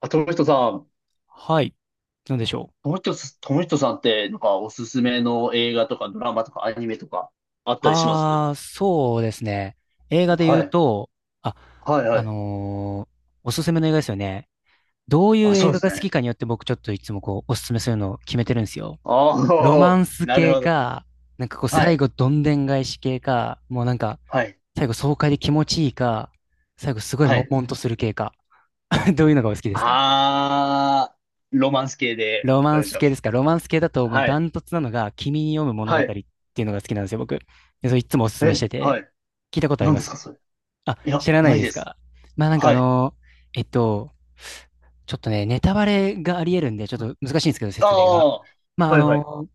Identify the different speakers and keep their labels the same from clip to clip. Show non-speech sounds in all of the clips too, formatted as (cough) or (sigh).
Speaker 1: あ、
Speaker 2: はい。なんでしょ
Speaker 1: 友人さ友人さんって、なんか、おすすめの映画とか、ドラマとか、アニメとか、あっ
Speaker 2: う。
Speaker 1: たりします？
Speaker 2: ああ、そうですね。映画で言
Speaker 1: は
Speaker 2: う
Speaker 1: い。
Speaker 2: と、あ、
Speaker 1: はい、は
Speaker 2: あ
Speaker 1: い。
Speaker 2: のーおすすめの映画ですよね。どうい
Speaker 1: あ、
Speaker 2: う
Speaker 1: そ
Speaker 2: 映
Speaker 1: うで
Speaker 2: 画が
Speaker 1: す
Speaker 2: 好
Speaker 1: ね。
Speaker 2: きかによって僕ちょっといつもこう、おすすめするのを決めてるんですよ。
Speaker 1: あ
Speaker 2: ロマ
Speaker 1: あ、
Speaker 2: ン
Speaker 1: (laughs)
Speaker 2: ス
Speaker 1: なる
Speaker 2: 系
Speaker 1: ほど。
Speaker 2: か、なんかこう、
Speaker 1: は
Speaker 2: 最
Speaker 1: い、
Speaker 2: 後どんでん返し系か、もうなんか、
Speaker 1: はい、
Speaker 2: 最後爽快で気持ちいいか、最後すごい
Speaker 1: は
Speaker 2: 悶
Speaker 1: い。
Speaker 2: 々とする系か。(laughs) どういうのがお好きですか？
Speaker 1: ああ、ロマンス系で、
Speaker 2: ロ
Speaker 1: お
Speaker 2: マン
Speaker 1: 願いし
Speaker 2: ス
Speaker 1: ま
Speaker 2: 系で
Speaker 1: す。
Speaker 2: すか？ロマンス系だともう
Speaker 1: は
Speaker 2: ダ
Speaker 1: い、
Speaker 2: ントツなのが、君に読む物語
Speaker 1: は
Speaker 2: って
Speaker 1: い。
Speaker 2: いうのが好きなんですよ、僕。で、それいつもおすすめし
Speaker 1: え、
Speaker 2: てて。
Speaker 1: はい。
Speaker 2: 聞いたことあり
Speaker 1: 何
Speaker 2: ま
Speaker 1: です
Speaker 2: す？
Speaker 1: か、それ？
Speaker 2: あ、
Speaker 1: いや、
Speaker 2: 知らな
Speaker 1: な
Speaker 2: い
Speaker 1: い
Speaker 2: で
Speaker 1: で
Speaker 2: す
Speaker 1: す。
Speaker 2: か？まあなんかあ
Speaker 1: はい。
Speaker 2: の、えっと、ちょっとね、ネタバレがあり得るんで、ちょっと難しいんですけど、
Speaker 1: あ
Speaker 2: 説明が。
Speaker 1: あ、は
Speaker 2: まああ
Speaker 1: い、はい、
Speaker 2: の、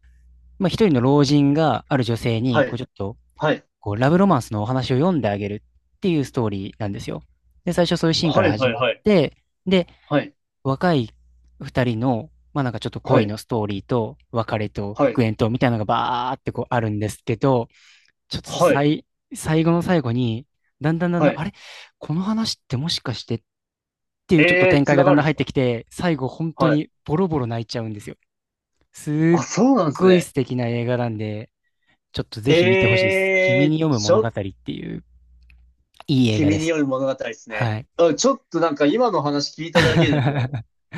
Speaker 2: まあ一人の老人がある女性
Speaker 1: は
Speaker 2: に、こう
Speaker 1: い、
Speaker 2: ちょっと、
Speaker 1: はい、
Speaker 2: こうラブロマンスのお話を読んであげるっていうストーリーなんですよ。で、最初そういうシーンか
Speaker 1: は
Speaker 2: ら
Speaker 1: い、
Speaker 2: 始まっ
Speaker 1: はい、
Speaker 2: て、で、
Speaker 1: はい、
Speaker 2: 若い二人の、まあなんかちょっと
Speaker 1: は
Speaker 2: 恋
Speaker 1: い、
Speaker 2: のストーリーと、別れと
Speaker 1: は
Speaker 2: 復
Speaker 1: い、
Speaker 2: 縁と、みたいなのがバーってこうあるんですけど、ちょっと
Speaker 1: はい、はい。
Speaker 2: 最、最後の最後に、だんだんだん
Speaker 1: は
Speaker 2: だん、あ
Speaker 1: い。
Speaker 2: れ？この話ってもしかしてってい
Speaker 1: え
Speaker 2: うちょっと
Speaker 1: えー、
Speaker 2: 展
Speaker 1: つ
Speaker 2: 開
Speaker 1: な
Speaker 2: が
Speaker 1: が
Speaker 2: だん
Speaker 1: るん
Speaker 2: だん
Speaker 1: で
Speaker 2: 入
Speaker 1: す
Speaker 2: って
Speaker 1: か？
Speaker 2: きて、最後本当
Speaker 1: はい。
Speaker 2: にボロボロ泣いちゃうんですよ。す
Speaker 1: あ、
Speaker 2: っ
Speaker 1: そうなんです
Speaker 2: ごい素
Speaker 1: ね。
Speaker 2: 敵な映画なんで、ちょっとぜひ見てほしい
Speaker 1: え
Speaker 2: です。君
Speaker 1: え
Speaker 2: に
Speaker 1: ー、
Speaker 2: 読む
Speaker 1: ち
Speaker 2: 物
Speaker 1: ょっ
Speaker 2: 語っ
Speaker 1: と、
Speaker 2: ていういい映画
Speaker 1: 君
Speaker 2: で
Speaker 1: に
Speaker 2: す。
Speaker 1: よる物語ですね。
Speaker 2: はい。
Speaker 1: あ、ちょっとなんか今の話聞いただけでも、
Speaker 2: (laughs)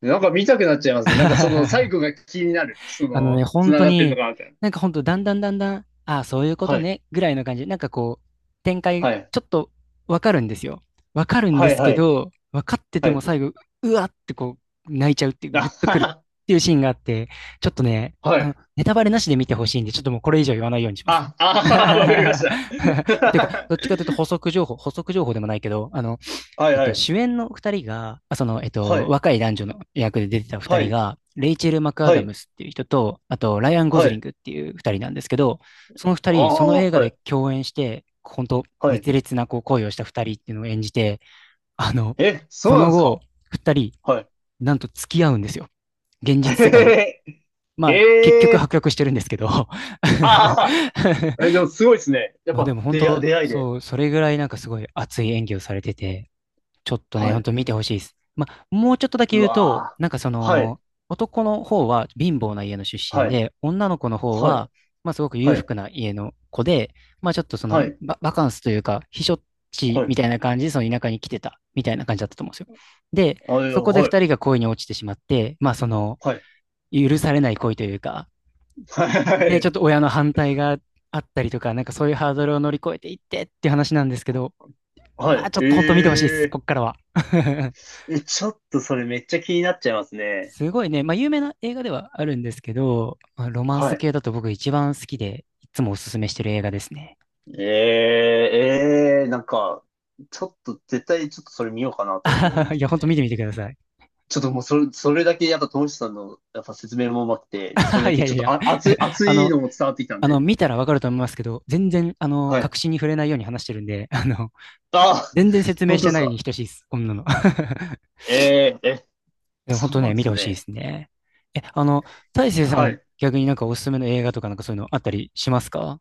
Speaker 1: なんか見たくなっちゃいますね。なんかその最後が気になる。そ
Speaker 2: あのね、
Speaker 1: の、
Speaker 2: 本
Speaker 1: 繋
Speaker 2: 当
Speaker 1: がってるの
Speaker 2: に、
Speaker 1: かなみたいな。
Speaker 2: なんか本当だんだんだんだん、ああ、そういうこと
Speaker 1: はい。
Speaker 2: ね、ぐらいの感じで、なんかこう、展開、
Speaker 1: はい。
Speaker 2: ちょっとわかるんですよ。わかるんで
Speaker 1: はい、
Speaker 2: す
Speaker 1: は
Speaker 2: け
Speaker 1: い。
Speaker 2: ど、わかって
Speaker 1: は
Speaker 2: ても
Speaker 1: い。
Speaker 2: 最後、うわってこう、泣いちゃうっていう、
Speaker 1: あ
Speaker 2: ぐっとくるっ
Speaker 1: は
Speaker 2: ていうシーンがあって、ちょっとね、
Speaker 1: は。は
Speaker 2: あの、
Speaker 1: い。
Speaker 2: ネタバレなしで見てほしいんで、ちょっともうこれ以上言わないようにします。
Speaker 1: あ、あ
Speaker 2: (laughs)
Speaker 1: ーわかりました。
Speaker 2: て
Speaker 1: (laughs)
Speaker 2: いうか、どっちかというと補足情報、補足情報でもないけど、あの、
Speaker 1: はい、はい。
Speaker 2: 主演の二人が、あ、その、
Speaker 1: はい。
Speaker 2: 若い男女の役で出てた二
Speaker 1: は
Speaker 2: 人
Speaker 1: い。
Speaker 2: が、レイチェル・マクア
Speaker 1: は
Speaker 2: ダ
Speaker 1: い。
Speaker 2: ムスっていう人と、あと、ライアン・ゴ
Speaker 1: は
Speaker 2: ズリン
Speaker 1: い。
Speaker 2: グっていう二人なんですけど、その二
Speaker 1: あ
Speaker 2: 人、その
Speaker 1: あ、
Speaker 2: 映画
Speaker 1: は
Speaker 2: で
Speaker 1: い。
Speaker 2: 共演して、本当
Speaker 1: はい。
Speaker 2: 熱烈なこう恋をした二人っていうのを演じて、あの、
Speaker 1: え、そ
Speaker 2: そ
Speaker 1: うなん
Speaker 2: の
Speaker 1: です
Speaker 2: 後、
Speaker 1: か？
Speaker 2: 二人、
Speaker 1: はい。
Speaker 2: なんと付き合うんですよ。現実世界で。
Speaker 1: (laughs) え
Speaker 2: まあ、結
Speaker 1: え
Speaker 2: 局破
Speaker 1: ー。
Speaker 2: 局してるんですけど。(laughs)
Speaker 1: ああ。え、でもすごいですね。やっ
Speaker 2: まあで
Speaker 1: ぱ
Speaker 2: も本当、
Speaker 1: 出会いで。
Speaker 2: そう、それぐらいなんかすごい熱い演技をされてて、ちょっと
Speaker 1: は
Speaker 2: ね、ほん
Speaker 1: い。
Speaker 2: と見てほしいです。まあ、もうちょっとだけ
Speaker 1: う
Speaker 2: 言うと、
Speaker 1: わー。
Speaker 2: なんかそ
Speaker 1: はい。
Speaker 2: の、男の方は貧乏な家の出
Speaker 1: は
Speaker 2: 身
Speaker 1: い。
Speaker 2: で、女の子の方
Speaker 1: はい。
Speaker 2: は、まあすごく裕
Speaker 1: はい。
Speaker 2: 福な家の子で、まあちょっとその
Speaker 1: はい。
Speaker 2: バ、バカンスというか、避暑地
Speaker 1: は
Speaker 2: み
Speaker 1: い。
Speaker 2: たいな感じで、その田舎に来てた、みたいな感じだったと思うんですよ。で、
Speaker 1: はい。
Speaker 2: そこで
Speaker 1: はい。
Speaker 2: 二人が恋に落ちてしまって、まあその、
Speaker 1: はい。
Speaker 2: 許されない恋というか、
Speaker 1: は
Speaker 2: で、ちょ
Speaker 1: い。
Speaker 2: っと親の反対があったりとか、なんかそういうハードルを乗り越えていってっていう話なんですけど、
Speaker 1: は
Speaker 2: まあちょ
Speaker 1: い。
Speaker 2: っと本当見てほしいです、
Speaker 1: え
Speaker 2: こっからは。(laughs)
Speaker 1: ー。え、ちょっとそれめっちゃ気になっちゃいますね。
Speaker 2: すごいね。まあ、有名な映画ではあるんですけど、まあ、ロマン
Speaker 1: は
Speaker 2: ス
Speaker 1: い。
Speaker 2: 系だと僕一番好きで、いつもおすすめしてる映画ですね。
Speaker 1: えーええ、なんか、ちょっと絶対ちょっとそれ見ようかなと思いま
Speaker 2: (laughs) い
Speaker 1: す
Speaker 2: や、ほんと見
Speaker 1: ね。
Speaker 2: てみてください。
Speaker 1: ちょっともうそれだけやっぱ、ともしさんのやっぱ説明もうまくて、それ
Speaker 2: (laughs) いや
Speaker 1: だ
Speaker 2: い
Speaker 1: け
Speaker 2: や
Speaker 1: ちょっ
Speaker 2: い
Speaker 1: と
Speaker 2: や。
Speaker 1: あ、熱い、
Speaker 2: (laughs)
Speaker 1: 熱
Speaker 2: あ
Speaker 1: い
Speaker 2: の、
Speaker 1: のも伝わってきたん
Speaker 2: あの、
Speaker 1: で。
Speaker 2: 見たらわかると思いますけど、全然、あの、
Speaker 1: はい。
Speaker 2: 確信に触れないように話してるんで、(laughs) あの、
Speaker 1: ああ、
Speaker 2: 全然説明
Speaker 1: 本
Speaker 2: し
Speaker 1: 当で
Speaker 2: て
Speaker 1: す
Speaker 2: ない
Speaker 1: か？
Speaker 2: に等しいです。こんなの。(laughs)
Speaker 1: え、
Speaker 2: でも本
Speaker 1: そう
Speaker 2: 当
Speaker 1: な
Speaker 2: ね、
Speaker 1: んで
Speaker 2: 見て
Speaker 1: す
Speaker 2: ほしいで
Speaker 1: ね。
Speaker 2: すね。え、あの、大成さ
Speaker 1: は
Speaker 2: ん、
Speaker 1: い。
Speaker 2: 逆になんかおすすめの映画とかなんかそういうのあったりしますか？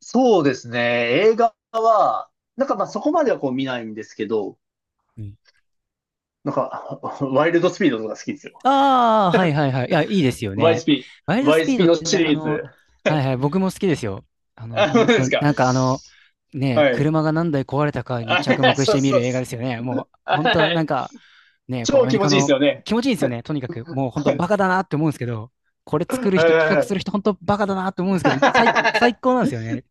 Speaker 1: そうですね。映画は、なんかまあそこまではこう見ないんですけど、
Speaker 2: うん、
Speaker 1: なんか、(laughs) ワイルドスピードとか好きですよ。
Speaker 2: ああ、はいはいはい。いや、いいですよね。
Speaker 1: YSP。
Speaker 2: ワイルドスピード
Speaker 1: YSP
Speaker 2: っ
Speaker 1: の
Speaker 2: て
Speaker 1: シ
Speaker 2: な、あ
Speaker 1: リー
Speaker 2: の、
Speaker 1: ズ。
Speaker 2: はいはい、僕も好きですよ。あの、
Speaker 1: あ、そう
Speaker 2: 本
Speaker 1: で
Speaker 2: 当
Speaker 1: す
Speaker 2: に、
Speaker 1: か。
Speaker 2: なんかあの、ね、
Speaker 1: はい。
Speaker 2: 車が何台壊れたかに
Speaker 1: あ、
Speaker 2: 着目し
Speaker 1: そう
Speaker 2: て見
Speaker 1: そ
Speaker 2: る
Speaker 1: う
Speaker 2: 映画
Speaker 1: そ
Speaker 2: で
Speaker 1: う。
Speaker 2: すよね。もう、本当は
Speaker 1: は
Speaker 2: なん
Speaker 1: い。
Speaker 2: か、ね、こうア
Speaker 1: 超
Speaker 2: メ
Speaker 1: 気
Speaker 2: リ
Speaker 1: 持
Speaker 2: カ
Speaker 1: ちいいで
Speaker 2: の
Speaker 1: すよね。
Speaker 2: 気持ちいいですよね。とにかく、もう本
Speaker 1: は
Speaker 2: 当バ
Speaker 1: い
Speaker 2: カだなって思うんですけど、これ作
Speaker 1: は
Speaker 2: る人、企画する
Speaker 1: い
Speaker 2: 人、本当バカだなって思うんですけど、最
Speaker 1: は
Speaker 2: 高なんですよね。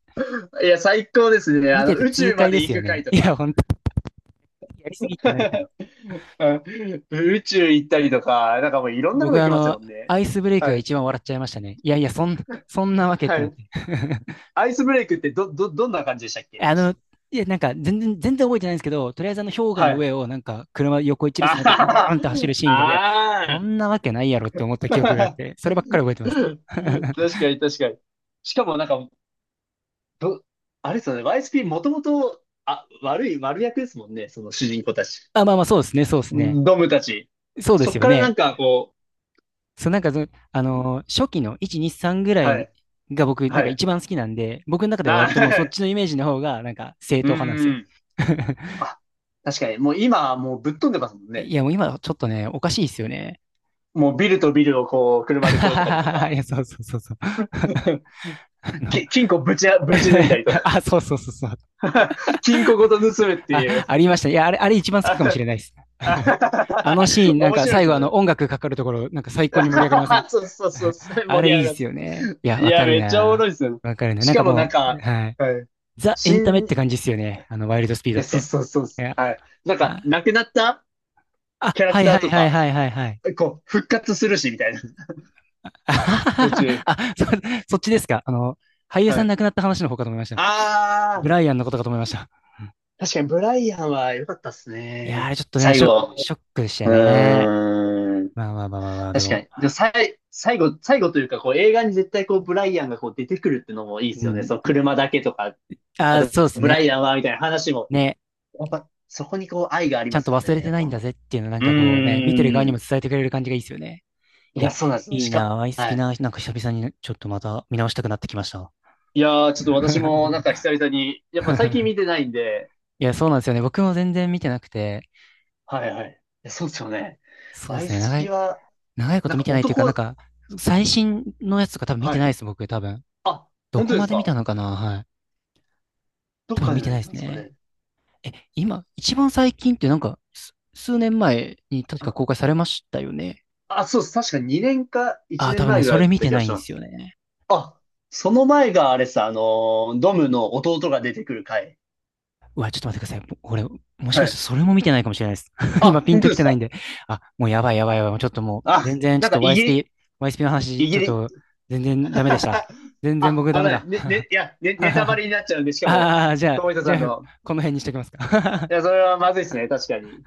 Speaker 1: い (laughs) いや、最高ですね。
Speaker 2: 見てて
Speaker 1: 宇
Speaker 2: 痛
Speaker 1: 宙ま
Speaker 2: 快で
Speaker 1: で
Speaker 2: す
Speaker 1: 行
Speaker 2: よ
Speaker 1: く回
Speaker 2: ね。
Speaker 1: と
Speaker 2: い
Speaker 1: か。
Speaker 2: や、本当にやりすぎってなるけど。
Speaker 1: (laughs) うん。宇宙行ったりとか、なんかもういろんなと
Speaker 2: 僕
Speaker 1: こ行
Speaker 2: はあ
Speaker 1: きます
Speaker 2: の、
Speaker 1: もんね。
Speaker 2: アイスブレイク
Speaker 1: は
Speaker 2: が
Speaker 1: い。
Speaker 2: 一番笑っちゃいましたね。いやいや、そんなわけっ
Speaker 1: は
Speaker 2: てなっ
Speaker 1: い。
Speaker 2: て。(laughs)
Speaker 1: アイスブレイクってどんな感じでしたっけ、
Speaker 2: あ
Speaker 1: 確
Speaker 2: の、いや、なんか全然覚えてないんですけど、とりあえずあの氷
Speaker 1: か？
Speaker 2: 河
Speaker 1: は
Speaker 2: の
Speaker 1: い。
Speaker 2: 上をなんか車横一列になってボー
Speaker 1: あ
Speaker 2: ンって走るシーンが、いや、
Speaker 1: あ、
Speaker 2: そ
Speaker 1: あ
Speaker 2: んなわけないやろって思った記憶があって、そればっかり覚えて
Speaker 1: ー
Speaker 2: ますね。
Speaker 1: (laughs) 確
Speaker 2: (laughs)
Speaker 1: かに確かに。しかもなんか、ど、あれですよね、YSP もともと、あ、悪役ですもんね、その主人公たち。
Speaker 2: あ、まあまあ、そうですね、そうですね。
Speaker 1: ドムたち。
Speaker 2: そうで
Speaker 1: そっ
Speaker 2: すよ
Speaker 1: からな
Speaker 2: ね。
Speaker 1: んかこう、
Speaker 2: そう、なんかその、初期の1、2、3ぐら
Speaker 1: は
Speaker 2: い
Speaker 1: い、
Speaker 2: が僕、なん
Speaker 1: は
Speaker 2: か
Speaker 1: い。
Speaker 2: 一番好きなんで、僕の中では
Speaker 1: な、
Speaker 2: 割ともうそっ
Speaker 1: (laughs)
Speaker 2: ちのイメージの方が、なんか正
Speaker 1: う
Speaker 2: 統派なんです
Speaker 1: ー
Speaker 2: よ。
Speaker 1: ん。
Speaker 2: (laughs)
Speaker 1: あ、確かに、もう今はもうぶっ飛んでますもんね。
Speaker 2: いや、もう今ちょっとね、おかしいですよね。
Speaker 1: もうビルとビルをこう、車で越えたりと
Speaker 2: (laughs)
Speaker 1: か、
Speaker 2: いや、そうそうそうそう。(laughs) あの。
Speaker 1: 金庫ぶち抜いた
Speaker 2: (laughs)
Speaker 1: りとか。
Speaker 2: あ、そうそうそうそう。
Speaker 1: (laughs) 金庫ごと盗むってい
Speaker 2: あ、
Speaker 1: う。
Speaker 2: ありました。いや、あれ一
Speaker 1: (laughs)
Speaker 2: 番好き
Speaker 1: 面
Speaker 2: かもしれないです。(laughs) あのシーン、なんか
Speaker 1: 白いで
Speaker 2: 最
Speaker 1: す
Speaker 2: 後あ
Speaker 1: よ
Speaker 2: の
Speaker 1: ね。
Speaker 2: 音楽かかるところ、なんか最高に盛り上がりません？
Speaker 1: (laughs) そうそうそ
Speaker 2: (laughs)
Speaker 1: う、
Speaker 2: あ
Speaker 1: 盛
Speaker 2: れ
Speaker 1: り
Speaker 2: い
Speaker 1: 上が
Speaker 2: い
Speaker 1: る
Speaker 2: っ
Speaker 1: や
Speaker 2: す
Speaker 1: つ。
Speaker 2: よね。いや、
Speaker 1: い
Speaker 2: わ
Speaker 1: や、
Speaker 2: かる
Speaker 1: めっちゃおもろ
Speaker 2: な。
Speaker 1: いですよね。
Speaker 2: わかるな。
Speaker 1: し
Speaker 2: なん
Speaker 1: か
Speaker 2: か
Speaker 1: もなん
Speaker 2: もう、
Speaker 1: か、
Speaker 2: はい。
Speaker 1: はい。
Speaker 2: ザ・エンタメっ
Speaker 1: 新、
Speaker 2: て感じっすよね。あの、ワイルドスピードっ
Speaker 1: え、そう
Speaker 2: て。
Speaker 1: そうそう、
Speaker 2: いや、
Speaker 1: はい。なんか、
Speaker 2: あ、
Speaker 1: 亡くなった
Speaker 2: あ、
Speaker 1: キャラ
Speaker 2: は
Speaker 1: ク
Speaker 2: い
Speaker 1: タ
Speaker 2: は
Speaker 1: ー
Speaker 2: い
Speaker 1: と
Speaker 2: はい
Speaker 1: か、
Speaker 2: はいはいはい。
Speaker 1: こう、復活するし、みたいな。途
Speaker 2: (laughs)
Speaker 1: 中。
Speaker 2: あ、そ、そっちですか。あの、俳優
Speaker 1: は
Speaker 2: さん
Speaker 1: い。
Speaker 2: 亡くなった話の方かと思いました。ブ
Speaker 1: あ
Speaker 2: ライアンのことかと思いました。
Speaker 1: ー、確かにブライアンは良かったっす
Speaker 2: いやー、あ
Speaker 1: ね。
Speaker 2: れちょっとね、
Speaker 1: 最後。
Speaker 2: ショックでした
Speaker 1: う
Speaker 2: ね。
Speaker 1: ーん。
Speaker 2: まあまあまあまあまあ、で
Speaker 1: 確か
Speaker 2: も、
Speaker 1: に。で、さい、最後、最後というか、こう、映画に絶対こう、ブライアンがこう、出てくるってのもいいで
Speaker 2: う
Speaker 1: すよね。
Speaker 2: ん。
Speaker 1: その車だけとか、あ
Speaker 2: ああ、
Speaker 1: と、
Speaker 2: そうです
Speaker 1: ブライ
Speaker 2: ね。
Speaker 1: アンは、みたいな話も。
Speaker 2: ね。
Speaker 1: やっぱ、そこにこう、愛があり
Speaker 2: ち
Speaker 1: ま
Speaker 2: ゃんと
Speaker 1: すよ
Speaker 2: 忘れ
Speaker 1: ね。
Speaker 2: て
Speaker 1: やっ
Speaker 2: ない
Speaker 1: ぱ
Speaker 2: んだ
Speaker 1: もう。
Speaker 2: ぜっていうのなん
Speaker 1: う
Speaker 2: かこうね、見てる側に
Speaker 1: ーん。
Speaker 2: も伝えてくれる感じがいいですよね。
Speaker 1: い
Speaker 2: い
Speaker 1: や、
Speaker 2: や、
Speaker 1: そうなんですよ。
Speaker 2: いいなあ、アイス
Speaker 1: は
Speaker 2: ピ
Speaker 1: い。
Speaker 2: ナーなんか久々にちょっとまた見直したくなってきました。
Speaker 1: いやー、ちょっと私もなんか久々に、やっぱ最近見て
Speaker 2: (laughs)
Speaker 1: ないんで、
Speaker 2: いや、そうなんですよね。僕も全然見てなくて、
Speaker 1: はいはい。いやそうですよね。
Speaker 2: そう
Speaker 1: ア
Speaker 2: です
Speaker 1: イ
Speaker 2: ね。
Speaker 1: スピは、
Speaker 2: 長いこ
Speaker 1: なん
Speaker 2: と見
Speaker 1: か
Speaker 2: てないというか、なんか、最新のやつとか多分見て
Speaker 1: は
Speaker 2: な
Speaker 1: い。
Speaker 2: いです、僕、多分。
Speaker 1: あ、
Speaker 2: ど
Speaker 1: 本当
Speaker 2: こ
Speaker 1: で
Speaker 2: ま
Speaker 1: す
Speaker 2: で見た
Speaker 1: か？
Speaker 2: のかな？はい。
Speaker 1: どっ
Speaker 2: 多分
Speaker 1: か
Speaker 2: 見
Speaker 1: で
Speaker 2: てない
Speaker 1: 見
Speaker 2: で
Speaker 1: たん
Speaker 2: す
Speaker 1: ですか
Speaker 2: ね。
Speaker 1: ね。
Speaker 2: え、今、一番最近ってなんか、す、数年前に確か
Speaker 1: あ、
Speaker 2: 公開されましたよね。
Speaker 1: あそうです。確か2年か
Speaker 2: あ
Speaker 1: 1
Speaker 2: あ、多
Speaker 1: 年
Speaker 2: 分
Speaker 1: 前
Speaker 2: ね、
Speaker 1: ぐ
Speaker 2: そ
Speaker 1: らい
Speaker 2: れ
Speaker 1: だっ
Speaker 2: 見
Speaker 1: た
Speaker 2: て
Speaker 1: 気が
Speaker 2: ない
Speaker 1: し
Speaker 2: ん
Speaker 1: ま
Speaker 2: ですよ
Speaker 1: す。
Speaker 2: ね。
Speaker 1: あ、その前があれさ、ドムの弟が出てくる回。
Speaker 2: うわ、ちょっと待ってください。俺、もしか
Speaker 1: は
Speaker 2: して
Speaker 1: い。
Speaker 2: それも見てないかもしれないです。(laughs)
Speaker 1: あ、
Speaker 2: 今ピン
Speaker 1: 本
Speaker 2: と
Speaker 1: 当
Speaker 2: き
Speaker 1: で
Speaker 2: て
Speaker 1: す
Speaker 2: ないん
Speaker 1: か？
Speaker 2: で。あ、もうやばいやばいやばい。もうちょっともう、
Speaker 1: あ、
Speaker 2: 全
Speaker 1: な
Speaker 2: 然
Speaker 1: んか
Speaker 2: ちょ
Speaker 1: イ
Speaker 2: っ
Speaker 1: ギ
Speaker 2: と
Speaker 1: リ、
Speaker 2: YSP、YSP の
Speaker 1: イ
Speaker 2: 話、ちょ
Speaker 1: ギ
Speaker 2: っ
Speaker 1: リ、
Speaker 2: と全然ダメでした。全然
Speaker 1: あ、
Speaker 2: 僕
Speaker 1: あ
Speaker 2: ダメ
Speaker 1: のね、
Speaker 2: だ。
Speaker 1: ね、ねいや、ネタバ
Speaker 2: (laughs)
Speaker 1: レになっちゃうんで、しかも、
Speaker 2: ああ、じゃあ、
Speaker 1: 友人
Speaker 2: じ
Speaker 1: さ
Speaker 2: ゃ
Speaker 1: ん
Speaker 2: あ、
Speaker 1: の、
Speaker 2: この辺にしときますか？
Speaker 1: いや、
Speaker 2: (laughs)
Speaker 1: それはまずいですね、確かに。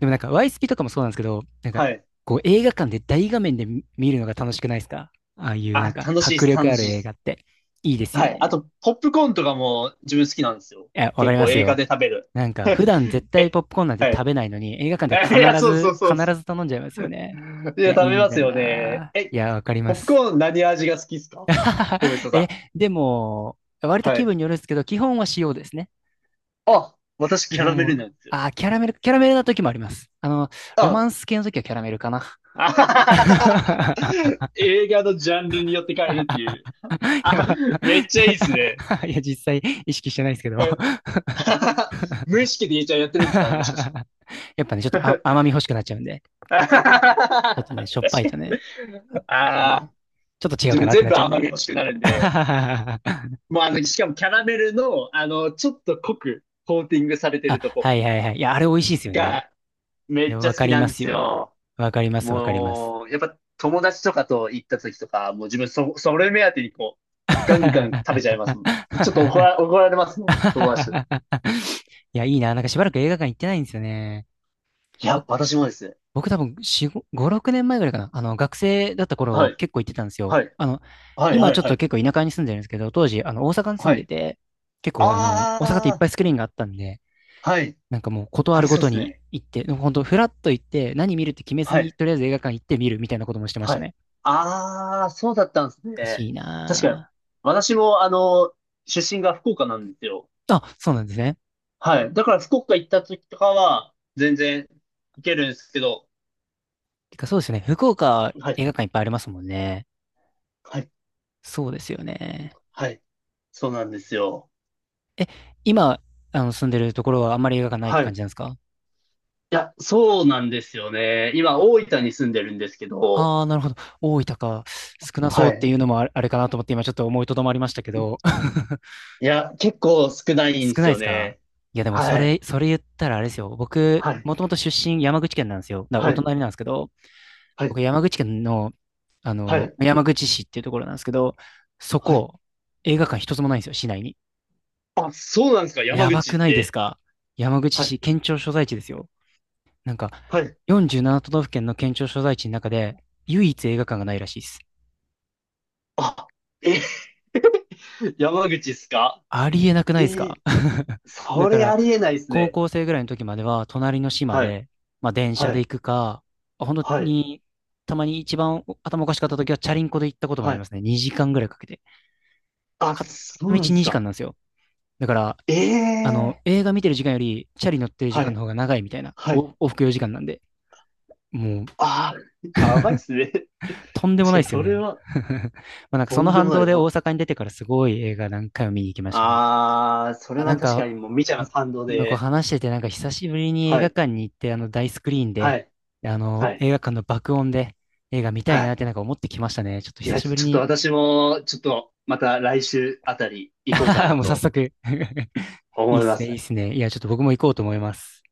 Speaker 2: でもなんか YSP とかもそうなんですけど、なんか、
Speaker 1: はい。
Speaker 2: こう映画館で大画面で見るのが楽しくないですか？ああいうなん
Speaker 1: あ、
Speaker 2: か
Speaker 1: 楽しいで
Speaker 2: 迫
Speaker 1: す、
Speaker 2: 力
Speaker 1: 楽
Speaker 2: あ
Speaker 1: し
Speaker 2: る
Speaker 1: いで
Speaker 2: 映画
Speaker 1: す。
Speaker 2: っていいです
Speaker 1: は
Speaker 2: よ
Speaker 1: い。あ
Speaker 2: ね。
Speaker 1: と、ポップコーンとかも自分好きなんですよ。
Speaker 2: いや、わか
Speaker 1: 結
Speaker 2: りま
Speaker 1: 構
Speaker 2: す
Speaker 1: 映画
Speaker 2: よ。
Speaker 1: で食べる。
Speaker 2: なんか、普段絶対
Speaker 1: え、
Speaker 2: ポップコーンなんて
Speaker 1: は
Speaker 2: 食
Speaker 1: い。
Speaker 2: べないのに、映画
Speaker 1: (laughs)
Speaker 2: 館で
Speaker 1: えい
Speaker 2: は
Speaker 1: や、
Speaker 2: 必
Speaker 1: そうそ
Speaker 2: ず、
Speaker 1: うそうで
Speaker 2: 必
Speaker 1: す。
Speaker 2: ず頼んじゃいますよね。
Speaker 1: い
Speaker 2: い
Speaker 1: や、
Speaker 2: や、い
Speaker 1: 食
Speaker 2: い
Speaker 1: べ
Speaker 2: ん
Speaker 1: ま
Speaker 2: だ
Speaker 1: す
Speaker 2: よ
Speaker 1: よね。
Speaker 2: な。
Speaker 1: え、
Speaker 2: いや、わかり
Speaker 1: ポ
Speaker 2: ま
Speaker 1: ップ
Speaker 2: す。
Speaker 1: コーン何味が好きですか？友
Speaker 2: (laughs)
Speaker 1: 人さ
Speaker 2: え、
Speaker 1: ん。
Speaker 2: でも、割と
Speaker 1: は
Speaker 2: 気
Speaker 1: い。
Speaker 2: 分によるんですけど、基本は塩ですね。
Speaker 1: あ、私
Speaker 2: 基
Speaker 1: キャラ
Speaker 2: 本
Speaker 1: メ
Speaker 2: は。
Speaker 1: ルなんですよ。
Speaker 2: キャラメルな時もあります。ロマ
Speaker 1: あ、
Speaker 2: ンス系の時はキャラメルかな。
Speaker 1: (laughs) あはははは。
Speaker 2: (laughs)
Speaker 1: 映画のジャンルによって変えるっていう。
Speaker 2: いや、
Speaker 1: あ、
Speaker 2: ま
Speaker 1: めっちゃいいっすね。
Speaker 2: あ (laughs) いや実際意識してないですけど
Speaker 1: (laughs) はい。
Speaker 2: (laughs)
Speaker 1: あははは。無意識で言えちゃんやってるんですかね、もしかした
Speaker 2: やっぱね、ちょっと
Speaker 1: ら。
Speaker 2: 甘み欲しくなっちゃうんで、
Speaker 1: (laughs) あはは
Speaker 2: ちょっとね、
Speaker 1: は。
Speaker 2: しょっぱ
Speaker 1: 確
Speaker 2: い
Speaker 1: かに。
Speaker 2: とね、あちょっと
Speaker 1: ああ、
Speaker 2: ね、ちょっと違う
Speaker 1: 自
Speaker 2: か
Speaker 1: 分
Speaker 2: なって
Speaker 1: 全
Speaker 2: なっ
Speaker 1: 部
Speaker 2: ちゃうん
Speaker 1: 甘み
Speaker 2: で。
Speaker 1: 欲しくなるんで。
Speaker 2: (laughs)
Speaker 1: もうしかもキャラメルの、ちょっと濃くコーティングされて
Speaker 2: あ、
Speaker 1: るとこ
Speaker 2: はいはいはい。いや、あれ美味しいですよね。
Speaker 1: が
Speaker 2: い
Speaker 1: めっ
Speaker 2: や、
Speaker 1: ちゃ
Speaker 2: わ
Speaker 1: 好
Speaker 2: か
Speaker 1: き
Speaker 2: り
Speaker 1: なん
Speaker 2: ま
Speaker 1: で
Speaker 2: す
Speaker 1: す
Speaker 2: よ。
Speaker 1: よ。
Speaker 2: わかります、わかります。
Speaker 1: もう、やっぱ友達とかと行った時とか、もう自分それ目当てにこう、ガンガン食べ
Speaker 2: (laughs)
Speaker 1: ちゃいますもん。でちょっと怒られますもん、友達と。
Speaker 2: いや、いいな。なんかしばらく映画館行ってないんですよね。
Speaker 1: いや、
Speaker 2: 僕、
Speaker 1: 私もです。
Speaker 2: 僕多分4、5、5 6年前ぐらいかな。学生だった頃
Speaker 1: は
Speaker 2: は
Speaker 1: い、
Speaker 2: 結構行ってたんですよ。
Speaker 1: はい、はい、
Speaker 2: 今
Speaker 1: はい、
Speaker 2: ちょっ
Speaker 1: は
Speaker 2: と
Speaker 1: い、
Speaker 2: 結構田舎に住んでるんですけど、当時、大阪に住ん
Speaker 1: は
Speaker 2: で
Speaker 1: い。
Speaker 2: て、結構大阪っていっぱ
Speaker 1: あ
Speaker 2: いスクリーンがあったんで、
Speaker 1: あ、はい。
Speaker 2: なんかもうことあ
Speaker 1: あり
Speaker 2: るご
Speaker 1: そう
Speaker 2: と
Speaker 1: です
Speaker 2: に
Speaker 1: ね。
Speaker 2: 行って、本当フラッと行って、何見るって決めず
Speaker 1: は
Speaker 2: に、
Speaker 1: い、
Speaker 2: とりあえず映画館行って見るみたいなこともしてまし
Speaker 1: は
Speaker 2: た
Speaker 1: い。
Speaker 2: ね。
Speaker 1: ああ、そうだったんです
Speaker 2: おか
Speaker 1: ね。
Speaker 2: しい
Speaker 1: 確かに。
Speaker 2: な。
Speaker 1: 私も、出身が福岡なんですよ。
Speaker 2: ぁあ、そうなんですね。
Speaker 1: はい。だから福岡行った時とかは、全然行けるんですけど、
Speaker 2: てかそうですよね。福岡
Speaker 1: はい。
Speaker 2: 映画館いっぱいありますもんね。
Speaker 1: はい
Speaker 2: そうですよね。
Speaker 1: はい。そうなんですよ。
Speaker 2: え、今、住んでるところはあんまり映画館ないって
Speaker 1: はい。
Speaker 2: 感
Speaker 1: い
Speaker 2: じなんですか？
Speaker 1: や、そうなんですよね。今、大分に住んでるんですけど、
Speaker 2: ああー、なるほど。大分か。少なそ
Speaker 1: は
Speaker 2: うってい
Speaker 1: い。
Speaker 2: うのもあれかなと思って今ちょっと思いとどまりましたけど。(laughs)
Speaker 1: いや、結構少ないんで
Speaker 2: 少な
Speaker 1: す
Speaker 2: いで
Speaker 1: よ
Speaker 2: すか？
Speaker 1: ね。
Speaker 2: いやでもそ
Speaker 1: はい。
Speaker 2: れ、それ言ったらあれですよ。僕、
Speaker 1: はい。
Speaker 2: もともと出身山口県なんですよ。だからお
Speaker 1: はい。
Speaker 2: 隣なんですけど、
Speaker 1: はい。
Speaker 2: 僕、山口県の、
Speaker 1: はい。
Speaker 2: 山口市っていうところなんですけど、そ
Speaker 1: はい。
Speaker 2: こ、映画館一つもないんですよ、市内に。
Speaker 1: あ、そうなんですか、山
Speaker 2: やば
Speaker 1: 口っ
Speaker 2: くないです
Speaker 1: て。
Speaker 2: か？山口
Speaker 1: はい。
Speaker 2: 市、県庁所在地ですよ。なんか、
Speaker 1: はい。
Speaker 2: 47都道府県の県庁所在地の中で、唯一映画館がないらしいです。
Speaker 1: あ、え、(laughs) 山口っすか？
Speaker 2: ありえなくな
Speaker 1: え
Speaker 2: いですか？
Speaker 1: ー、
Speaker 2: (laughs) だ
Speaker 1: そ
Speaker 2: か
Speaker 1: れ
Speaker 2: ら、
Speaker 1: ありえないです
Speaker 2: 高
Speaker 1: ね。
Speaker 2: 校生ぐらいの時までは、隣の市ま
Speaker 1: はい。
Speaker 2: で、まあ、電車
Speaker 1: は
Speaker 2: で行
Speaker 1: い。
Speaker 2: くか、本
Speaker 1: は
Speaker 2: 当
Speaker 1: い。
Speaker 2: に、たまに一番頭おかしかった時は、チャリンコで行ったこともあ
Speaker 1: は
Speaker 2: りま
Speaker 1: い。
Speaker 2: すね。2時間ぐらいかけて。
Speaker 1: あ、
Speaker 2: 片
Speaker 1: そうなん
Speaker 2: 道
Speaker 1: です
Speaker 2: 2時間
Speaker 1: か。
Speaker 2: なんですよ。だから、
Speaker 1: ええー。
Speaker 2: 映画見てる時間より、チャリ乗ってる時
Speaker 1: は
Speaker 2: 間の
Speaker 1: い。
Speaker 2: 方が長いみたいな、
Speaker 1: はい。
Speaker 2: 往復4時間なんで、もう、
Speaker 1: ああ、やばいっすね。(laughs)
Speaker 2: とんでも
Speaker 1: 確か
Speaker 2: ないで
Speaker 1: に
Speaker 2: すよ
Speaker 1: それ
Speaker 2: ね。
Speaker 1: は
Speaker 2: (laughs) まあなんか
Speaker 1: と
Speaker 2: その
Speaker 1: んでも
Speaker 2: 反
Speaker 1: な
Speaker 2: 動
Speaker 1: いです。
Speaker 2: で大阪に出てからすごい映画何回も見に行きましたね。
Speaker 1: ああ、それ
Speaker 2: あ、な
Speaker 1: は
Speaker 2: ん
Speaker 1: 確
Speaker 2: か、
Speaker 1: かにもう見ちゃいま
Speaker 2: やっ
Speaker 1: す、反動
Speaker 2: 今こう
Speaker 1: で。
Speaker 2: 話してて、なんか久しぶりに映
Speaker 1: は
Speaker 2: 画
Speaker 1: い。
Speaker 2: 館に行って、あの大スクリーン
Speaker 1: は
Speaker 2: で、
Speaker 1: い。
Speaker 2: あの
Speaker 1: はい。
Speaker 2: 映画館の爆音で映画見た
Speaker 1: は
Speaker 2: いなっ
Speaker 1: い。
Speaker 2: てなんか思ってきましたね。ちょっと
Speaker 1: い
Speaker 2: 久
Speaker 1: や、
Speaker 2: しぶり
Speaker 1: ちょっと
Speaker 2: に。
Speaker 1: 私も、ちょっと、また来週あたり行こうか
Speaker 2: (laughs)
Speaker 1: な
Speaker 2: もう早
Speaker 1: と
Speaker 2: 速 (laughs) いい
Speaker 1: 思
Speaker 2: っ
Speaker 1: いま
Speaker 2: すね、いい
Speaker 1: す。
Speaker 2: っすね。いや、ちょっと僕も行こうと思います。